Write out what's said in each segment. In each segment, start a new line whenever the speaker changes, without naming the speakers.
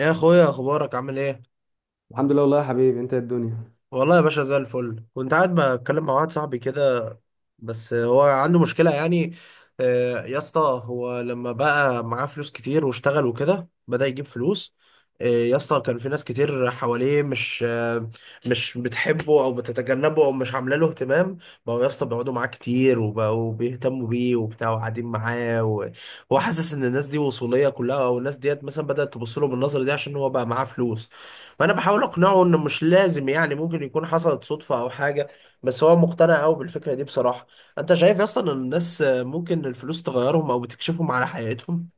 إيه يا اخويا، اخبارك؟ عامل ايه؟
الحمد لله، والله يا حبيبي. انت ايه الدنيا؟
والله يا باشا زي الفل. كنت قاعد بتكلم مع واحد صاحبي كده. بس هو عنده مشكله يعني. يا اسطى هو لما بقى معاه فلوس كتير واشتغل وكده بدأ يجيب فلوس. يا اسطى كان في ناس كتير حواليه مش بتحبه او بتتجنبه او مش عامله له اهتمام. بقوا يا اسطى بيقعدوا معاه كتير وبقوا بيهتموا بيه وبتاع وقاعدين معاه. وهو حاسس ان الناس دي وصوليه كلها، او الناس ديت مثلا بدأت تبص له بالنظره دي عشان هو بقى معاه فلوس. فانا بحاول اقنعه انه مش لازم، يعني ممكن يكون حصلت صدفه او حاجه. بس هو مقتنع قوي بالفكره دي بصراحه. انت شايف اصلا ان الناس ممكن الفلوس تغيرهم او بتكشفهم على حياتهم؟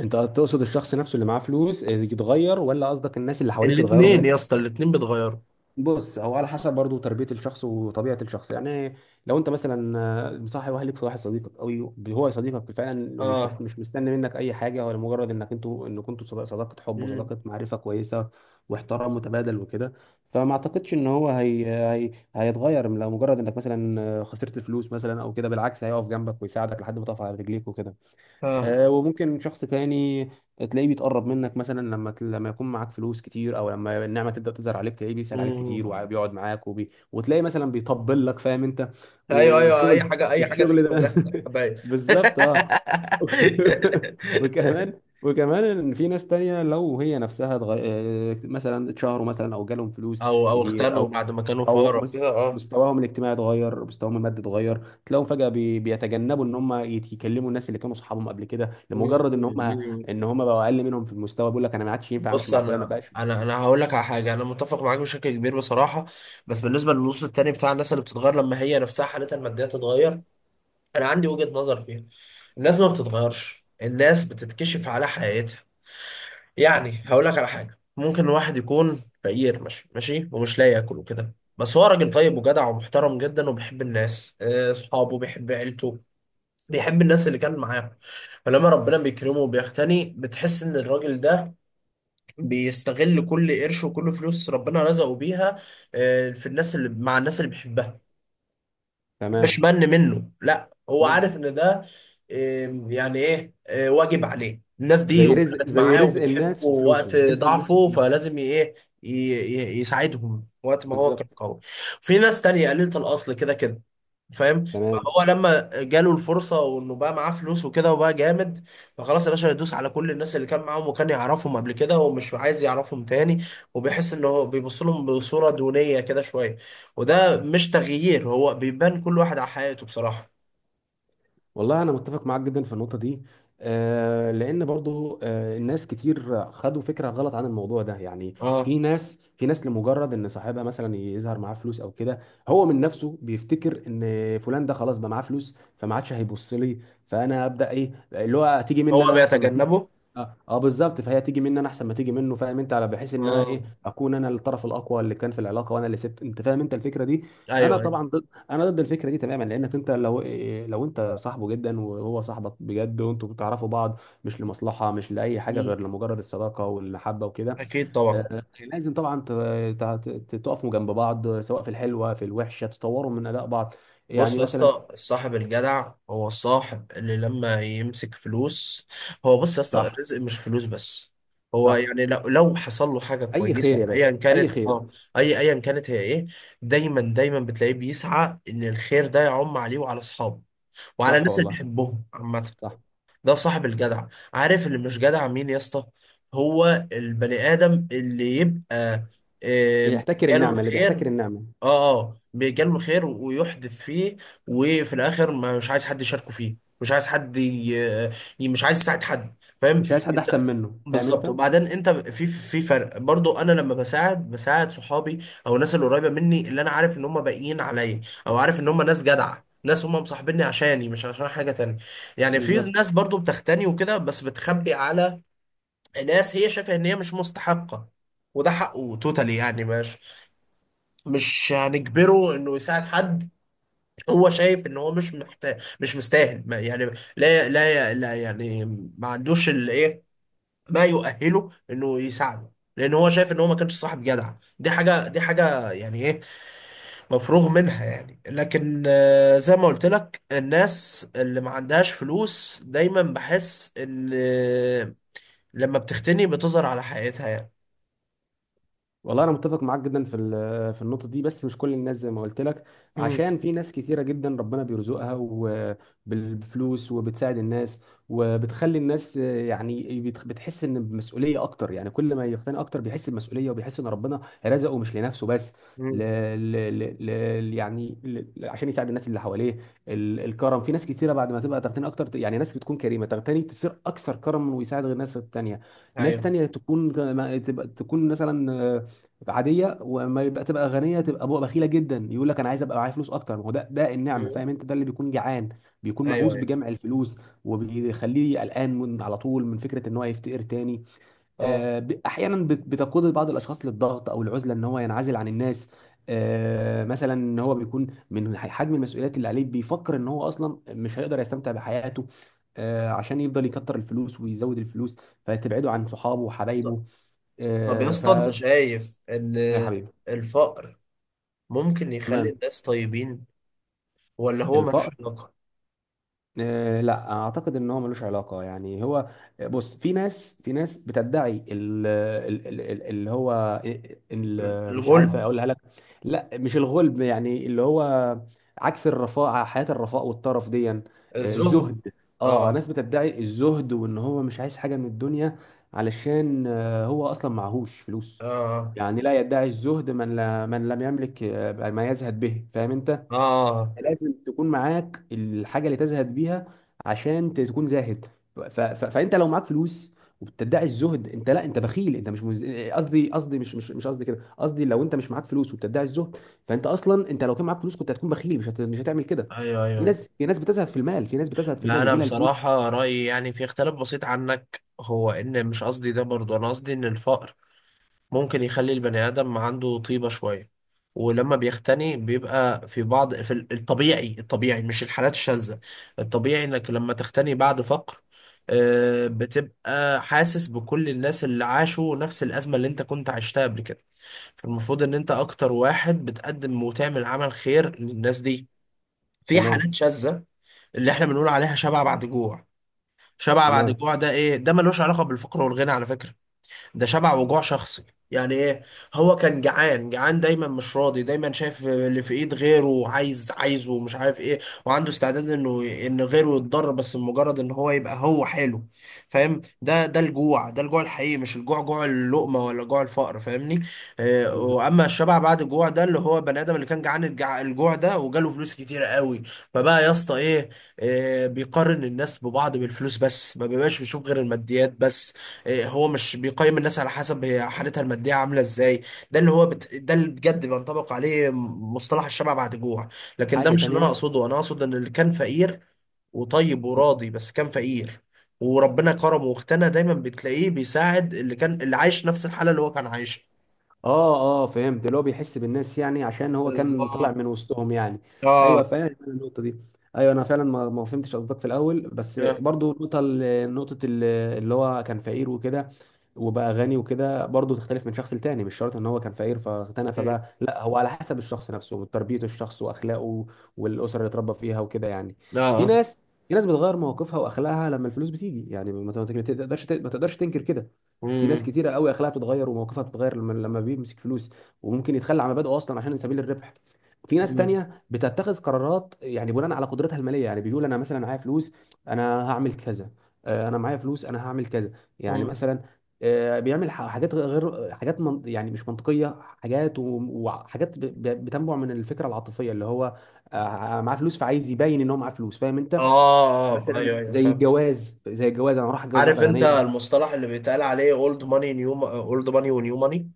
انت تقصد الشخص نفسه اللي معاه فلوس يتغير، ولا قصدك الناس اللي حواليك يتغيروا
الاتنين
من؟
يا اسطى، الاتنين بيتغيروا.
بص، هو على حسب برضو تربية الشخص وطبيعة الشخص. يعني لو انت مثلا مصاحب واهلك صاحب صديقك قوي، هو صديقك فعلا ومش محت...
اه.
مش مستني منك اي حاجة، ولا مجرد انك انتوا ان كنتوا صداقة حب
امم.
وصداقة معرفة كويسة واحترام متبادل وكده. فما اعتقدش ان هو هيتغير لو مجرد انك مثلا خسرت فلوس مثلا او كده. بالعكس، هيقف جنبك ويساعدك لحد ما تقف على رجليك وكده.
اه.
وممكن شخص تاني تلاقيه بيتقرب منك مثلا لما يكون معاك فلوس كتير، او لما النعمه تبدا تظهر عليك تلاقيه بيسال عليك كتير
مم.
وبيقعد معاك وتلاقي مثلا بيطبل لك. فاهم انت؟
ايوه، ايوه، اي
وشغل.
حاجه اي حاجه تيجي
والشغل ده
من ريحه الحبايب.
بالظبط اه. وكمان وكمان ان في ناس تانية لو هي نفسها اتغ... آه، مثلا اتشهروا مثلا او جالهم فلوس
او
كتير،
اختنوا
او
بعد ما كانوا
او
فقراء
مس...
كده. اه.
مستواهم الاجتماعي اتغير، مستواهم المادي اتغير، تلاقيهم فجأة بيتجنبوا ان هم يكلموا الناس اللي كانوا صحابهم قبل كده، لمجرد ان هم
مم.
ان هم بقوا اقل منهم في المستوى. بيقول لك انا ما عادش ينفع امشي
بص،
مع فلان، ما
انا
بقاش.
انا انا هقول لك على حاجه. انا متفق معاك بشكل كبير بصراحه. بس بالنسبه للنص التاني بتاع الناس اللي بتتغير لما هي نفسها حالتها الماديه تتغير، انا عندي وجهه نظر فيها. الناس ما بتتغيرش. الناس بتتكشف على حياتها. يعني هقول لك على حاجه، ممكن واحد يكون فقير ماشي ماشي ومش لاقي ياكل وكده، بس هو راجل طيب وجدع ومحترم جدا وبيحب الناس، اصحابه، بيحب عيلته. بيحب الناس اللي كان معاه. فلما ربنا بيكرمه وبيغتني، بتحس ان الراجل ده بيستغل كل قرش وكل فلوس ربنا رزقه بيها. في الناس، اللي مع الناس اللي بيحبها. مش
تمام.
من منه، لا، هو
نظم.
عارف ان ده. يعني ايه، واجب عليه الناس دي
زي رزق
وكانت
زي
معاه
رزق
وبتحبه
الناس في
وقت
فلوسهم رزق الناس في
ضعفه
فلوسهم.
فلازم ايه، يساعدهم وقت ما هو كان
بالظبط.
قوي. في ناس تانية قليلة الأصل كده كده. فاهم؟
تمام.
فهو لما جاله الفرصة وانه بقى معاه فلوس وكده وبقى جامد، فخلاص يا باشا يدوس على كل الناس اللي كان معاهم وكان يعرفهم قبل كده، ومش عايز يعرفهم تاني. وبيحس ان هو بيبص لهم بصورة دونية كده شوية. وده مش تغيير، هو بيبان كل واحد على حياته بصراحة.
والله انا متفق معاك جدا في النقطه دي. آه، لان برضو الناس كتير خدوا فكره غلط عن الموضوع ده. يعني في
اه.
ناس في ناس لمجرد ان صاحبها مثلا يظهر معاه فلوس او كده، هو من نفسه بيفتكر ان فلان ده خلاص بقى معاه فلوس فما عادش هيبص لي. فانا ابدا ايه اللي هو تيجي
هو
مني انا احسن ما تيجي.
بيتجنبه.
اه، بالظبط. فهي تيجي مني انا احسن ما تيجي منه. فاهم انت؟ على بحيث ان انا ايه،
اه.
اكون انا الطرف الاقوى اللي كان في العلاقه، وانا اللي سبت. انت فاهم انت الفكره دي؟ انا
ايوه، ايوه.
طبعا انا ضد الفكره دي تماما. لانك انت لو لو انت صاحبه جدا وهو صاحبك بجد، وانتوا بتعرفوا بعض مش لمصلحه، مش لاي حاجه
مم.
غير لمجرد الصداقه والمحبه وكده،
اكيد طبعا.
لازم طبعا تقفوا جنب بعض، سواء في الحلوه في الوحشه، تطوروا من اداء بعض.
بص
يعني
يا
مثلا.
اسطى، الصاحب الجدع هو الصاحب اللي لما يمسك فلوس. بص يا اسطى،
صح.
الرزق مش فلوس بس. هو
صح.
يعني لو حصل له حاجة
اي خير
كويسة
يا
ايا
باشا، اي
كانت.
خير.
اه. ايا كانت هي ايه، دايما دايما بتلاقيه بيسعى ان الخير ده يعم عليه وعلى اصحابه وعلى
صح
الناس اللي
والله.
بيحبهم عامة.
صح.
ده صاحب الجدع. عارف اللي مش جدع مين يا اسطى؟ هو البني ادم اللي يبقى
اللي
آه،
يحتكر
جاله
النعمه، اللي
الخير.
بيحتكر النعمه.
اه بيجاله الخير ويحدث فيه. وفي الاخر مش عايز حد يشاركه فيه، مش عايز حد مش عايز يساعد حد. فاهم؟
مش عايز حد احسن
انت
منه. فاهم انت؟
بالظبط. وبعدين انت في فرق برضو. انا لما بساعد صحابي، او الناس اللي قريبه مني، اللي انا عارف ان هم باقيين عليا، او عارف ان هم ناس جدعه، ناس هم مصاحبيني عشاني مش عشان حاجه تانية. يعني في
بالظبط.
ناس برضو بتغتني وكده بس بتخبي على ناس هي شايفه ان هي مش مستحقه. وده حقه توتالي، يعني مش هنجبره انه يساعد حد. هو شايف ان هو مش محتاج، مش مستاهل، ما يعني، لا، لا، لا، يعني ما عندوش الايه، ما يؤهله انه يساعده. لان هو شايف ان هو ما كانش صاحب جدع. دي حاجه يعني ايه، مفروغ منها يعني. لكن زي ما قلت لك، الناس اللي ما عندهاش فلوس دايما بحس ان، لما بتغتني بتظهر على حقيقتها يعني.
والله انا متفق معاك جدا في في النقطه دي، بس مش كل الناس زي ما قلت لك.
امم.
عشان في ناس كتيره جدا ربنا بيرزقها وبالفلوس، وبتساعد الناس وبتخلي الناس يعني بتحس ان بمسؤوليه اكتر. يعني كل ما يقتني اكتر بيحس بمسؤوليه، وبيحس ان ربنا رزقه مش لنفسه بس، ل...
امم.
ل... ل... يعني عشان يساعد الناس اللي حواليه. الكرم في ناس كتيره بعد ما تبقى تغتني اكتر. يعني ناس بتكون كريمه تغتني، تصير اكثر كرما ويساعد غير الناس التانيه. ناس
ايوه.
تانية تكون، تبقى تكون مثلا عاديه، وما يبقى تبقى غنيه، تبقى بقى بخيله جدا. يقول لك انا عايز ابقى معايا فلوس اكتر، ما هو ده النعمه.
مم.
فاهم انت؟ ده اللي بيكون جعان، بيكون
ايوه،
مهووس
ايوه.
بجمع الفلوس، وبيخليه قلقان من على طول من فكره ان هو يفتقر تاني.
اه.
احيانا بتقود بعض الاشخاص للضغط او العزله، ان هو ينعزل عن الناس. مثلا ان هو بيكون من حجم المسؤوليات اللي عليه، بيفكر ان هو اصلا مش هيقدر يستمتع بحياته. عشان يفضل
مم.
يكتر الفلوس ويزود الفلوس، فتبعده عن صحابه وحبايبه.
طب يا
آه، ف
اسطى، انت شايف ان
يا حبيبي.
الفقر ممكن يخلي
تمام.
الناس طيبين، ولا هو ملوش
الفقر.
علاقة؟
آه، لا اعتقد ان هو ملوش علاقه. يعني هو بص، في ناس بتدعي ال- ال- ال- اللي هو مش عارف
الغلب.
اقولها لك. لا، مش الغلب. يعني اللي هو عكس الرفاعه، حياه الرفاء والطرف دي.
الزهد.
الزهد. اه،
اه.
ناس بتدعي الزهد وان هو مش عايز حاجه من الدنيا، علشان هو اصلا معهوش فلوس.
اه.
يعني لا يدعي الزهد من لا، من لم يملك ما يزهد به. فاهم انت؟
اه.
لازم تكون معاك الحاجه اللي تزهد بيها عشان تكون زاهد. فانت لو معاك فلوس وبتدعي الزهد، انت لا، انت بخيل. انت مش مز... قصدي قصدي مش مش مش قصدي كده. قصدي لو انت مش معاك فلوس وبتدعي الزهد، فانت اصلا انت لو كان معاك فلوس كنت هتكون بخيل. مش هتعمل كده.
ايوه، ايوه، ايوه.
في ناس بتزهد في
لا،
المال،
انا
يجي لها الفلوس.
بصراحة رأيي يعني في اختلاف بسيط عنك. هو ان مش قصدي ده برضو، انا قصدي ان الفقر ممكن يخلي البني آدم عنده طيبة شوية. ولما بيختني بيبقى في بعض في الطبيعي، مش الحالات الشاذة. الطبيعي انك لما تختني بعد فقر، بتبقى حاسس بكل الناس اللي عاشوا نفس الأزمة اللي انت كنت عشتها قبل كده. فالمفروض ان انت اكتر واحد بتقدم وتعمل عمل خير للناس دي. في حالات
تمام.
شاذة اللي احنا بنقول عليها شبع بعد جوع. شبع بعد
تمام.
جوع ده، ايه ده؟ ملوش علاقة بالفقر والغنى على فكرة. ده شبع وجوع شخصي. يعني ايه؟ هو كان جعان جعان دايما، مش راضي، دايما شايف اللي في ايد غيره، عايز عايزه ومش عارف ايه، وعنده استعداد انه ان غيره يتضرر، بس مجرد ان هو يبقى هو حلو. فاهم؟ ده الجوع الحقيقي، مش الجوع، جوع اللقمة ولا جوع الفقر، فاهمني؟
بالظبط.
واما الشبع بعد الجوع ده، اللي هو بني ادم اللي كان جعان الجوع ده، وجاله فلوس كتير قوي. فبقى يا اسطى ايه، بيقارن الناس ببعض بالفلوس بس، ما بيبقاش بيشوف غير الماديات بس. إيه، هو مش بيقيم الناس على حسب هي حالتها المادية عاملة ازاي. ده اللي بجد بينطبق عليه مصطلح الشبع بعد جوع. لكن ده
حاجه
مش اللي انا
تانيه.
اقصده، انا اقصد ان اللي كان فقير وطيب وراضي، بس كان فقير، وربنا كرمه واغتنى. دايما بتلاقيه بيساعد اللي عايش نفس الحالة اللي هو كان عايشها.
اه، اه فهمت. اللي هو بيحس بالناس يعني، عشان هو كان طالع
بالظبط.
من وسطهم يعني.
اه.
ايوه، فاهم أنا النقطه دي. ايوه، انا فعلا ما فهمتش قصدك في الاول. بس
اه.
برضو النقطه نقطه اللي هو كان فقير وكده وبقى غني وكده، برضو تختلف من شخص لتاني. مش شرط ان هو كان فقير فاغتنى فبقى، لا، هو على حسب الشخص نفسه وتربية الشخص واخلاقه، والاسره اللي اتربى فيها وكده يعني. في
اه.
ناس في ناس بتغير مواقفها واخلاقها لما الفلوس بتيجي. يعني ما تقدرش تنكر كده. في ناس
مم.
كتيره قوي اخلاقها بتتغير ومواقفها بتتغير لما بيمسك فلوس. وممكن يتخلى عن مبادئه اصلا عشان سبيل الربح. في ناس
مم.
تانية بتتخذ قرارات يعني بناء على قدرتها المالية. يعني بيقول أنا مثلا معايا فلوس، أنا هعمل كذا. أنا معايا فلوس أنا هعمل كذا. يعني
مم.
مثلا بيعمل حاجات غير، حاجات من يعني مش منطقية، حاجات وحاجات بتنبع من الفكرة العاطفية اللي هو معاه فلوس، فعايز يبين إن هو معاه فلوس. فاهم
اه.
أنت؟
آه.
مثلا
ايوه، ايوه،
زي
فاهم.
الجواز. أنا راح أتجوز
عارف
واحدة
انت
غنية.
المصطلح اللي بيتقال عليه اولد ماني ونيو ماني؟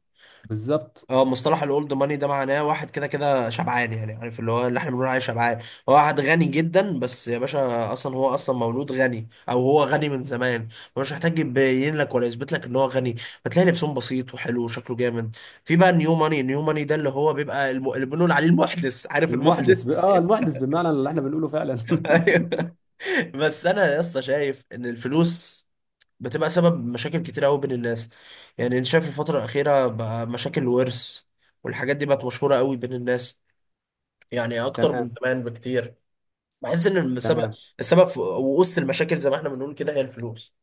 بالظبط.
اه، مصطلح الاولد ماني ده معناه واحد كده كده شبعان، يعني عارف اللي هو اللي احنا بنقول عليه شبعان. هو واحد غني جدا، بس يا باشا هو اصلا مولود غني او هو غني من زمان. مش محتاج يبين لك ولا يثبت لك ان هو غني. فتلاقي لبسهم بسيط وحلو وشكله جامد. في بقى النيو ماني، ده اللي هو بيبقى اللي بنقول عليه المحدث. عارف
المحدث ب...
المحدث؟
اه المحدث بمعنى اللي احنا بنقوله فعلا.
ايوه. بس انا يا اسطى شايف ان الفلوس بتبقى سبب مشاكل كتير قوي بين الناس. يعني انت شايف الفترة الأخيرة بقى مشاكل الورث والحاجات دي بقت مشهورة قوي بين الناس، يعني اكتر من
تمام.
زمان بكتير. بحس ان السبب
تمام.
السبب في وقص المشاكل زي ما احنا بنقول كده هي الفلوس.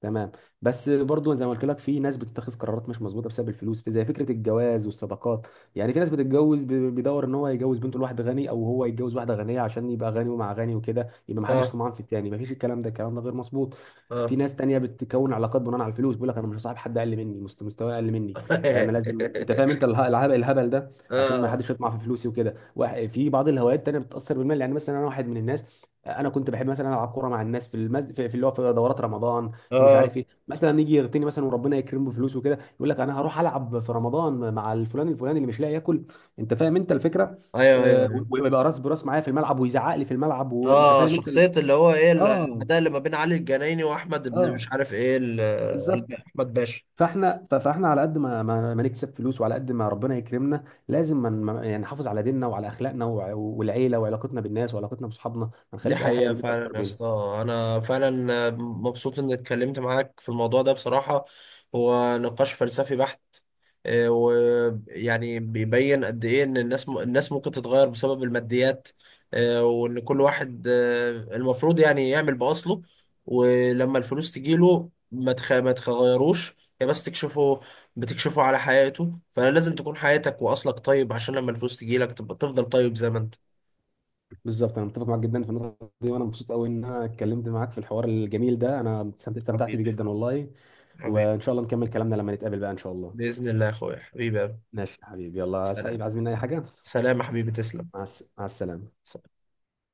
تمام. بس برضو زي ما قلت لك في ناس بتتخذ قرارات مش مظبوطه بسبب الفلوس، في زي فكره الجواز والصداقات. يعني في ناس بتتجوز، بيدور ان هو يتجوز بنته لواحد غني، او هو يتجوز واحده غنيه عشان يبقى غني ومع غني وكده، يبقى ما حدش
اه.
طمعان في التاني. ما فيش. الكلام ده غير مظبوط. في
اه.
ناس تانية بتكون علاقات بناء على الفلوس. بيقول لك انا مش هصاحب حد اقل مني، مستواه اقل مني، انا لازم. انت فاهم انت الهبل الهبل ده، عشان ما
اه.
حدش يطمع في فلوسي وكده. في بعض الهوايات التانية بتتاثر بالمال. يعني مثلا انا واحد من الناس، انا كنت بحب مثلا العب كوره مع الناس في المز... في في اللي هو في دورات رمضان. في مش
اه.
عارف ايه، مثلا يجي يغتني مثلا وربنا يكرمه بفلوس وكده يقول لك انا هروح العب في رمضان مع الفلان الفلاني اللي مش لاقي ياكل. انت فاهم انت الفكره؟
ايوه، ايوه، ايوه.
ويبقى راس براس معايا في الملعب، ويزعق لي في الملعب، وانت
اه،
فاهم انت
شخصية اللي هو ايه،
اه.
الاداء اللي ما بين علي الجنايني واحمد ابن
اه
مش عارف ايه
بالظبط.
احمد باشا.
فاحنا فاحنا على قد ما نكسب فلوس، وعلى قد ما ربنا يكرمنا، لازم يعني نحافظ على ديننا وعلى اخلاقنا والعيله وعلاقتنا بالناس وعلاقتنا باصحابنا، ما
دي
نخليش اي حاجه
حقيقة
من دي تاثر
فعلا يا
بينا.
اسطى. أنا فعلا مبسوط إني اتكلمت معاك في الموضوع ده بصراحة. هو نقاش فلسفي بحت. ويعني بيبين قد إيه إن الناس ممكن تتغير بسبب الماديات. وإن كل واحد المفروض يعني يعمل بأصله. ولما الفلوس تجيله ما تغيروش. هي بس تكشفه. بتكشفه على حياته. فلازم تكون حياتك وأصلك طيب، عشان لما الفلوس تجيلك تبقى تفضل طيب زي ما أنت.
بالظبط. انا متفق معاك جدا في النقطه دي، وانا مبسوط قوي ان انا اتكلمت معاك في الحوار الجميل ده. انا استمتعت بيه
حبيبي.
جدا والله.
حبيبي.
وان شاء الله نكمل كلامنا لما نتقابل بقى ان شاء الله.
بإذن الله يا أخويا. حبيبي يا أبو.
ماشي يا حبيبي. يلا، عايز حبيبي،
سلام.
عايز مني اي حاجه؟
سلام يا حبيبي، تسلم.
مع السلامه.